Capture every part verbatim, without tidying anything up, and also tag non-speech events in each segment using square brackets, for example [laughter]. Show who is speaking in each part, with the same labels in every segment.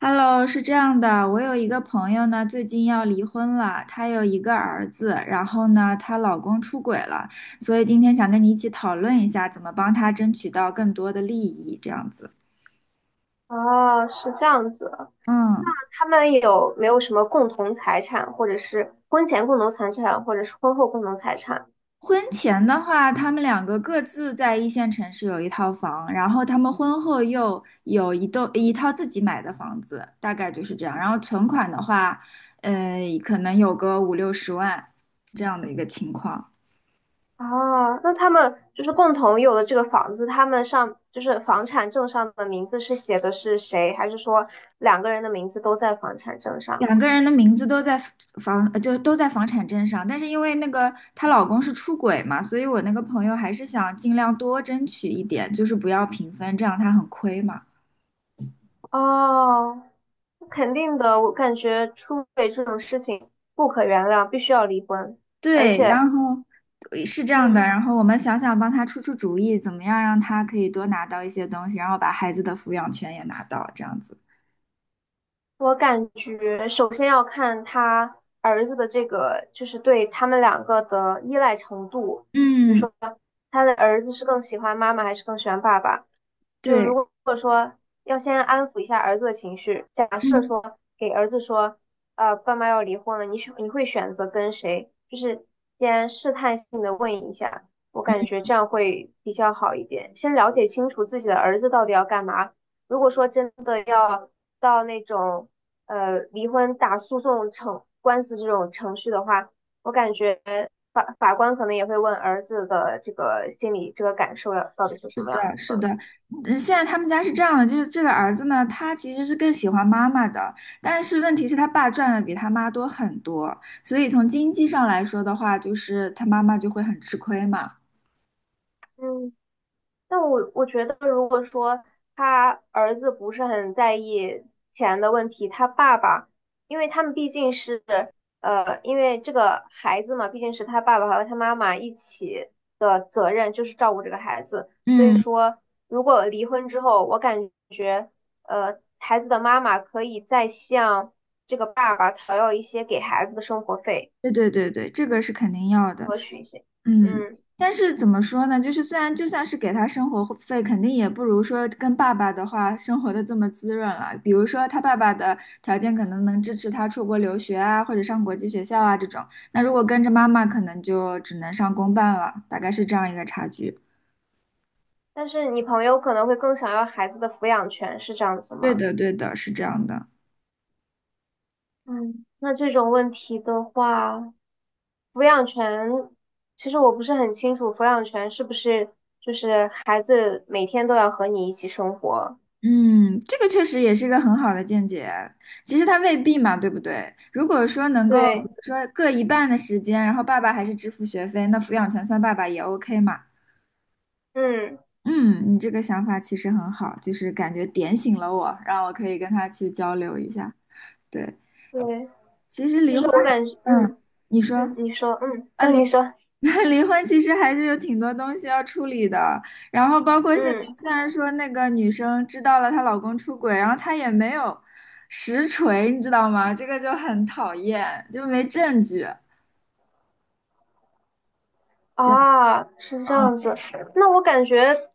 Speaker 1: Hello，是这样的，我有一个朋友呢，最近要离婚了，她有一个儿子，然后呢，她老公出轨了，所以今天想跟你一起讨论一下，怎么帮她争取到更多的利益，这样子。
Speaker 2: 哦，是这样子。
Speaker 1: 嗯。
Speaker 2: 他们有没有什么共同财产，或者是婚前共同财产，或者是婚后共同财产？
Speaker 1: 婚前的话，他们两个各自在一线城市有一套房，然后他们婚后又有一栋一套自己买的房子，大概就是这样。然后存款的话，呃，可能有个五六十万这样的一个情况。
Speaker 2: 哦，那他们就是共同有的这个房子，他们上就是房产证上的名字是写的是谁，还是说两个人的名字都在房产证上？
Speaker 1: 两个人的名字都在房，呃就都在房产证上，但是因为那个她老公是出轨嘛，所以我那个朋友还是想尽量多争取一点，就是不要平分，这样她很亏嘛。
Speaker 2: 哦，肯定的，我感觉出轨这种事情不可原谅，必须要离婚。而
Speaker 1: 对，
Speaker 2: 且，
Speaker 1: 然后呃是这样的，
Speaker 2: 嗯，
Speaker 1: 然后我们想想帮她出出主意，怎么样让她可以多拿到一些东西，然后把孩子的抚养权也拿到，这样子。
Speaker 2: 我感觉首先要看他儿子的这个，就是对他们两个的依赖程度。比如
Speaker 1: 嗯，
Speaker 2: 说，他的儿子是更喜欢妈妈还是更喜欢爸爸？就
Speaker 1: 对，
Speaker 2: 如果说要先安抚一下儿子的情绪，假设
Speaker 1: 嗯。
Speaker 2: 说给儿子说，呃，爸妈要离婚了，你选你会选择跟谁？就是先试探性的问一下，我感觉这样会比较好一点。先了解清楚自己的儿子到底要干嘛，如果说真的要到那种呃离婚打诉讼程官司这种程序的话，我感觉法法官可能也会问儿子的这个心理这个感受要到底是什么样子的。
Speaker 1: 嗯，现在他们家是这样的，就是这个儿子呢，他其实是更喜欢妈妈的，但是问题是他爸赚的比他妈多很多，所以从经济上来说的话，就是他妈妈就会很吃亏嘛。
Speaker 2: 嗯。但我我觉得，如果说他儿子不是很在意钱的问题，他爸爸，因为他们毕竟是呃，因为这个孩子嘛，毕竟是他爸爸和他妈妈一起的责任，就是照顾这个孩子。所以
Speaker 1: 嗯，
Speaker 2: 说，如果离婚之后，我感觉呃，孩子的妈妈可以再向这个爸爸讨要一些给孩子的生活费，
Speaker 1: 对对对对，这个是肯定要的。
Speaker 2: 多取一些。
Speaker 1: 嗯，
Speaker 2: 嗯，
Speaker 1: 但是怎么说呢？就是虽然就算是给他生活费，肯定也不如说跟爸爸的话生活的这么滋润了。比如说他爸爸的条件可能能支持他出国留学啊，或者上国际学校啊这种。那如果跟着妈妈，可能就只能上公办了，大概是这样一个差距。
Speaker 2: 但是你朋友可能会更想要孩子的抚养权，是这样子
Speaker 1: 对
Speaker 2: 吗？
Speaker 1: 的，对的，是这样的。
Speaker 2: 嗯，那这种问题的话，抚养权，其实我不是很清楚，抚养权是不是就是孩子每天都要和你一起生活？
Speaker 1: 嗯，这个确实也是一个很好的见解。其实他未必嘛，对不对？如果说能够，比
Speaker 2: 对，
Speaker 1: 如说各一半的时间，然后爸爸还是支付学费，那抚养权算爸爸也 O K 嘛。
Speaker 2: 嗯，
Speaker 1: 嗯，你这个想法其实很好，就是感觉点醒了我，让我可以跟他去交流一下。对，
Speaker 2: 对，
Speaker 1: 其实
Speaker 2: 就
Speaker 1: 离
Speaker 2: 是
Speaker 1: 婚
Speaker 2: 我
Speaker 1: 还，
Speaker 2: 感觉，
Speaker 1: 嗯，
Speaker 2: 嗯
Speaker 1: 你说
Speaker 2: 嗯，你说，嗯，
Speaker 1: 啊，
Speaker 2: 啊，
Speaker 1: 离
Speaker 2: 你说，
Speaker 1: [laughs] 离婚其实还是有挺多东西要处理的。然后包括现在，
Speaker 2: 嗯，
Speaker 1: 虽然说那个女生知道了她老公出轨，然后她也没有实锤，你知道吗？这个就很讨厌，就没证据。这样，
Speaker 2: 啊，是这样子，那我感觉。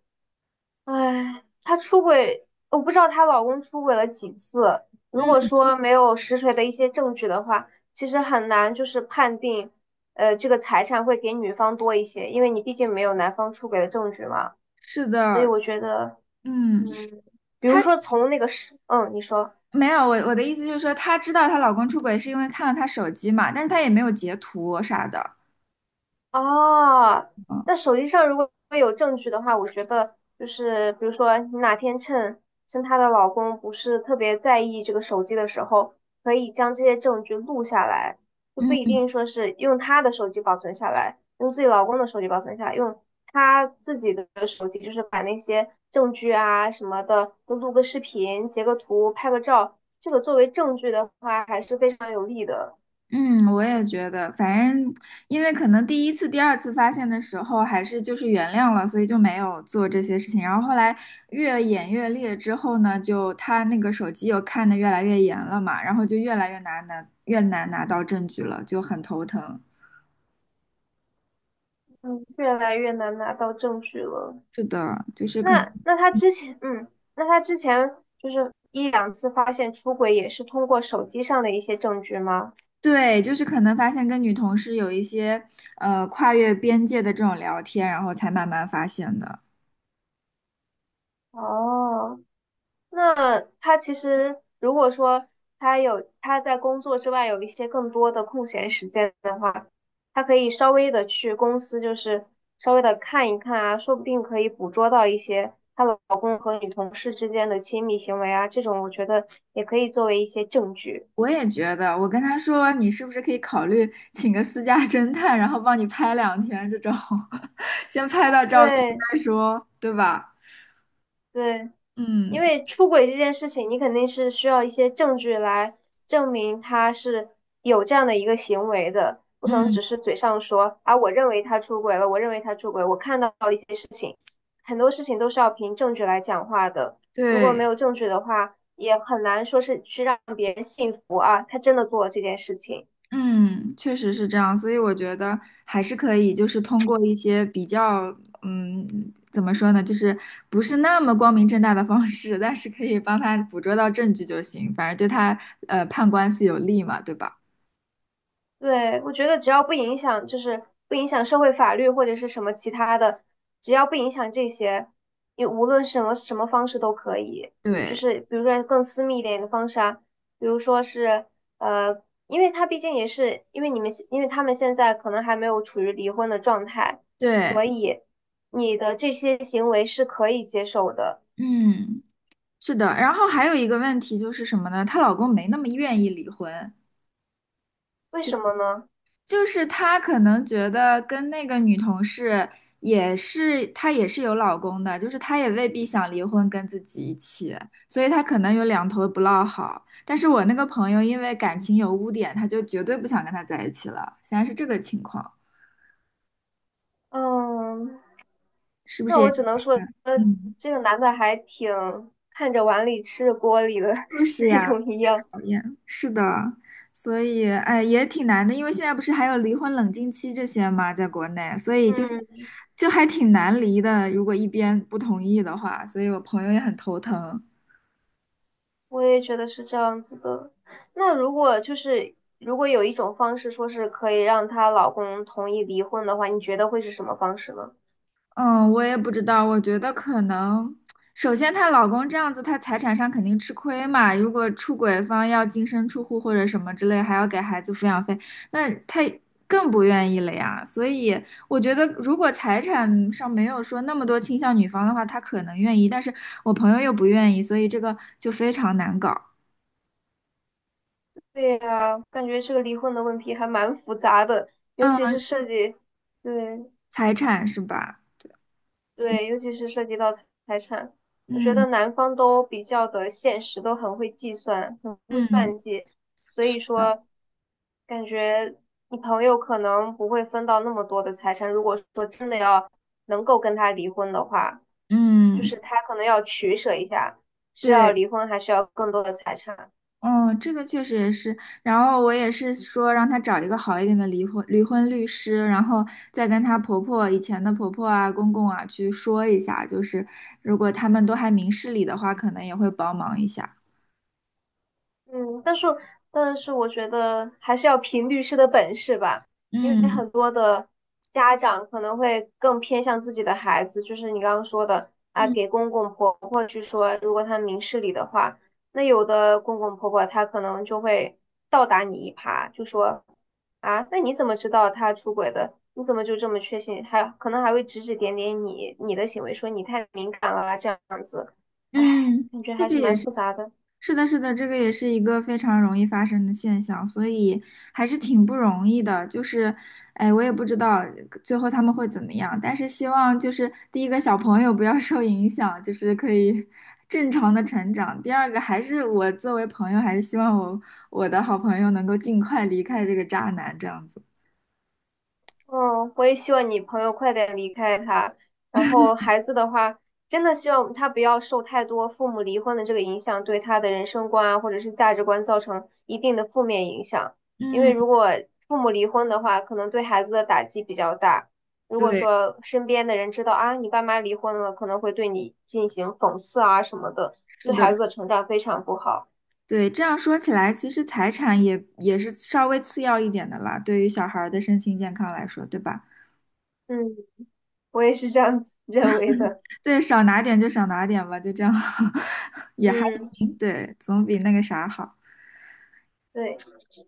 Speaker 2: 哎，她出轨，我不知道她老公出轨了几次。如果
Speaker 1: 嗯，
Speaker 2: 说没有实锤的一些证据的话，其实很难就是判定，呃，这个财产会给女方多一些，因为你毕竟没有男方出轨的证据嘛。
Speaker 1: 是
Speaker 2: 所以
Speaker 1: 的，
Speaker 2: 我觉得，
Speaker 1: 嗯。
Speaker 2: 嗯，比如说从那个是，嗯，你说。
Speaker 1: 没有，我我的意思就是说，她知道她老公出轨是因为看了她手机嘛，但是她也没有截图啥的。
Speaker 2: 哦，那
Speaker 1: 嗯
Speaker 2: 手机上如果有证据的话，我觉得就是比如说你哪天趁趁她的老公不是特别在意这个手机的时候，可以将这些证据录下来，就不一
Speaker 1: 嗯
Speaker 2: 定说是用她的手机保存下来，用自己老公的手机保存下来，用她自己的手机，就是把那些证据啊什么的都录个视频、截个图、拍个照，这个作为证据的话还是非常有利的。
Speaker 1: 嗯，我也觉得，反正因为可能第一次、第二次发现的时候，还是就是原谅了，所以就没有做这些事情。然后后来越演越烈之后呢，就她那个手机又看得越来越严了嘛，然后就越来越难拿，越难拿到证据了，就很头疼。
Speaker 2: 嗯，越来越难拿到证据了。
Speaker 1: 是的，就是可能。
Speaker 2: 那那他之前，嗯，那他之前就是一两次发现出轨，也是通过手机上的一些证据吗？
Speaker 1: 对，就是可能发现跟女同事有一些呃跨越边界的这种聊天，然后才慢慢发现的。
Speaker 2: 哦，那他其实如果说他有他在工作之外有一些更多的空闲时间的话，他可以稍微的去公司，就是稍微的看一看啊，说不定可以捕捉到一些她老公和女同事之间的亲密行为啊，这种我觉得也可以作为一些证据。
Speaker 1: 我也觉得，我跟他说你是不是可以考虑请个私家侦探，然后帮你拍两天这种，[laughs] 先拍到照片
Speaker 2: 对
Speaker 1: 再说，对吧？
Speaker 2: 对。因
Speaker 1: 嗯
Speaker 2: 为出轨这件事情，你肯定是需要一些证据来证明他是有这样的一个行为的，不能
Speaker 1: 嗯，
Speaker 2: 只是嘴上说啊，我认为他出轨了，我认为他出轨，我看到了一些事情，很多事情都是要凭证据来讲话的。如果没
Speaker 1: 对，
Speaker 2: 有证据的话，也很难说是去让别人信服啊，他真的做了这件事情。
Speaker 1: 嗯，确实是这样，所以我觉得还是可以，就是通过一些比较，嗯，怎么说呢，就是不是那么光明正大的方式，但是可以帮他捕捉到证据就行，反正对他呃判官司有利嘛，对吧？
Speaker 2: 对，我觉得只要不影响，就是不影响社会法律或者是什么其他的，只要不影响这些，你无论什么什么方式都可以。就
Speaker 1: 对
Speaker 2: 是比如说更私密一点的方式啊，比如说是呃，因为他毕竟也是因为你们，因为他们现在可能还没有处于离婚的状态，
Speaker 1: 对，
Speaker 2: 所以你的这些行为是可以接受的。
Speaker 1: 嗯，是的。然后还有一个问题就是什么呢？她老公没那么愿意离婚。
Speaker 2: 为什么呢？
Speaker 1: 就是他可能觉得跟那个女同事也是，她也是有老公的，就是她也未必想离婚跟自己一起，所以她可能有两头不落好。但是我那个朋友因为感情有污点，他就绝对不想跟他在一起了，现在是这个情况，
Speaker 2: 嗯。
Speaker 1: 是不是
Speaker 2: 那
Speaker 1: 也？
Speaker 2: 我只能说，呃，
Speaker 1: 嗯。
Speaker 2: 这个男的还挺看着碗里吃着锅里的
Speaker 1: 就
Speaker 2: [laughs]
Speaker 1: 是
Speaker 2: 那
Speaker 1: 呀，特
Speaker 2: 种一
Speaker 1: 别
Speaker 2: 样。
Speaker 1: 讨厌。是的，所以哎，也挺难的，因为现在不是还有离婚冷静期这些嘛，在国内，所以就是
Speaker 2: 嗯，
Speaker 1: 就还挺难离的。如果一边不同意的话，所以我朋友也很头疼。
Speaker 2: 我也觉得是这样子的。那如果就是如果有一种方式说是可以让她老公同意离婚的话，你觉得会是什么方式呢？
Speaker 1: 嗯，我也不知道，我觉得可能，首先她老公这样子，她财产上肯定吃亏嘛。如果出轨方要净身出户或者什么之类，还要给孩子抚养费，那她更不愿意了呀。所以我觉得，如果财产上没有说那么多倾向女方的话，她可能愿意，但是我朋友又不愿意，所以这个就非常难搞。
Speaker 2: 对呀，感觉这个离婚的问题还蛮复杂的，尤其是
Speaker 1: 嗯，
Speaker 2: 涉及，对
Speaker 1: 财产是吧？嗯
Speaker 2: 对，尤其是涉及到财产，我觉得
Speaker 1: 嗯，
Speaker 2: 男方都比较的现实，都很会计算。
Speaker 1: 嗯
Speaker 2: 所
Speaker 1: 是
Speaker 2: 以
Speaker 1: 的，
Speaker 2: 说，感觉你朋友可能不会分到那么多的财产。如果说真的要能够跟他离婚的话，就
Speaker 1: 嗯，
Speaker 2: 是他可能要取舍一下，是要
Speaker 1: 对。
Speaker 2: 离婚还是要更多的财产。
Speaker 1: 嗯，这个确实也是。然后我也是说让她找一个好一点的离婚离婚律师，然后再跟她婆婆以前的婆婆啊、公公啊去说一下，就是如果他们都还明事理的话，可能也会帮忙一下。
Speaker 2: 嗯，但是但是我觉得还是要凭律师的本事吧，因为
Speaker 1: 嗯
Speaker 2: 很多的家长可能会更偏向自己的孩子，就是你刚刚说的啊，
Speaker 1: 嗯
Speaker 2: 给公公婆婆去说，如果他明事理的话，那有的公公婆婆他可能就会倒打你一耙，就说啊，那你怎么知道他出轨的？你怎么就这么确信？还可能还会指指点点你你的行为，说你太敏感了啊，这样子，哎，
Speaker 1: 嗯，
Speaker 2: 感觉
Speaker 1: 这
Speaker 2: 还
Speaker 1: 个
Speaker 2: 是
Speaker 1: 也
Speaker 2: 蛮
Speaker 1: 是。
Speaker 2: 复杂的。
Speaker 1: 是的，是的，这个也是一个非常容易发生的现象，所以还是挺不容易的。就是，哎，我也不知道最后他们会怎么样，但是希望就是第一个小朋友不要受影响，就是可以正常的成长。第二个还是我作为朋友，还是希望我我的好朋友能够尽快离开这个渣男这样子。
Speaker 2: 嗯，我也希望你朋友快点离开他。然后孩子的话，真的希望他不要受太多父母离婚的这个影响，对他的人生观啊，或者是价值观造成一定的负面影响。因为
Speaker 1: 嗯，
Speaker 2: 如果父母离婚的话，可能对孩子的打击比较大。如果
Speaker 1: 对，
Speaker 2: 说身边的人知道啊，你爸妈离婚了，可能会对你进行讽刺啊什么的，
Speaker 1: 是
Speaker 2: 对
Speaker 1: 的，
Speaker 2: 孩子的成长非常不好。
Speaker 1: 对。这样说起来，其实财产也也是稍微次要一点的啦，对于小孩儿的身心健康来说，对吧？
Speaker 2: 嗯，我也是这样子 [laughs] 认为的。
Speaker 1: 对，少拿点就少拿点吧，就这样，[laughs] 也还
Speaker 2: 嗯，
Speaker 1: 行，对，总比那个啥好。
Speaker 2: 对，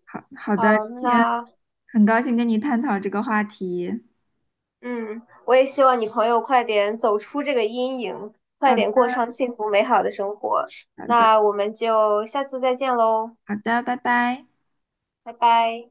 Speaker 1: 好好的，
Speaker 2: 好，
Speaker 1: 今天
Speaker 2: 那。
Speaker 1: 很高兴跟你探讨这个话题。
Speaker 2: 嗯，我也希望你朋友快点走出这个阴影，快
Speaker 1: 好的，
Speaker 2: 点过上幸福美好的生活。
Speaker 1: 好的，
Speaker 2: 那我们就下次再见喽，
Speaker 1: 好的，拜拜。
Speaker 2: 拜拜。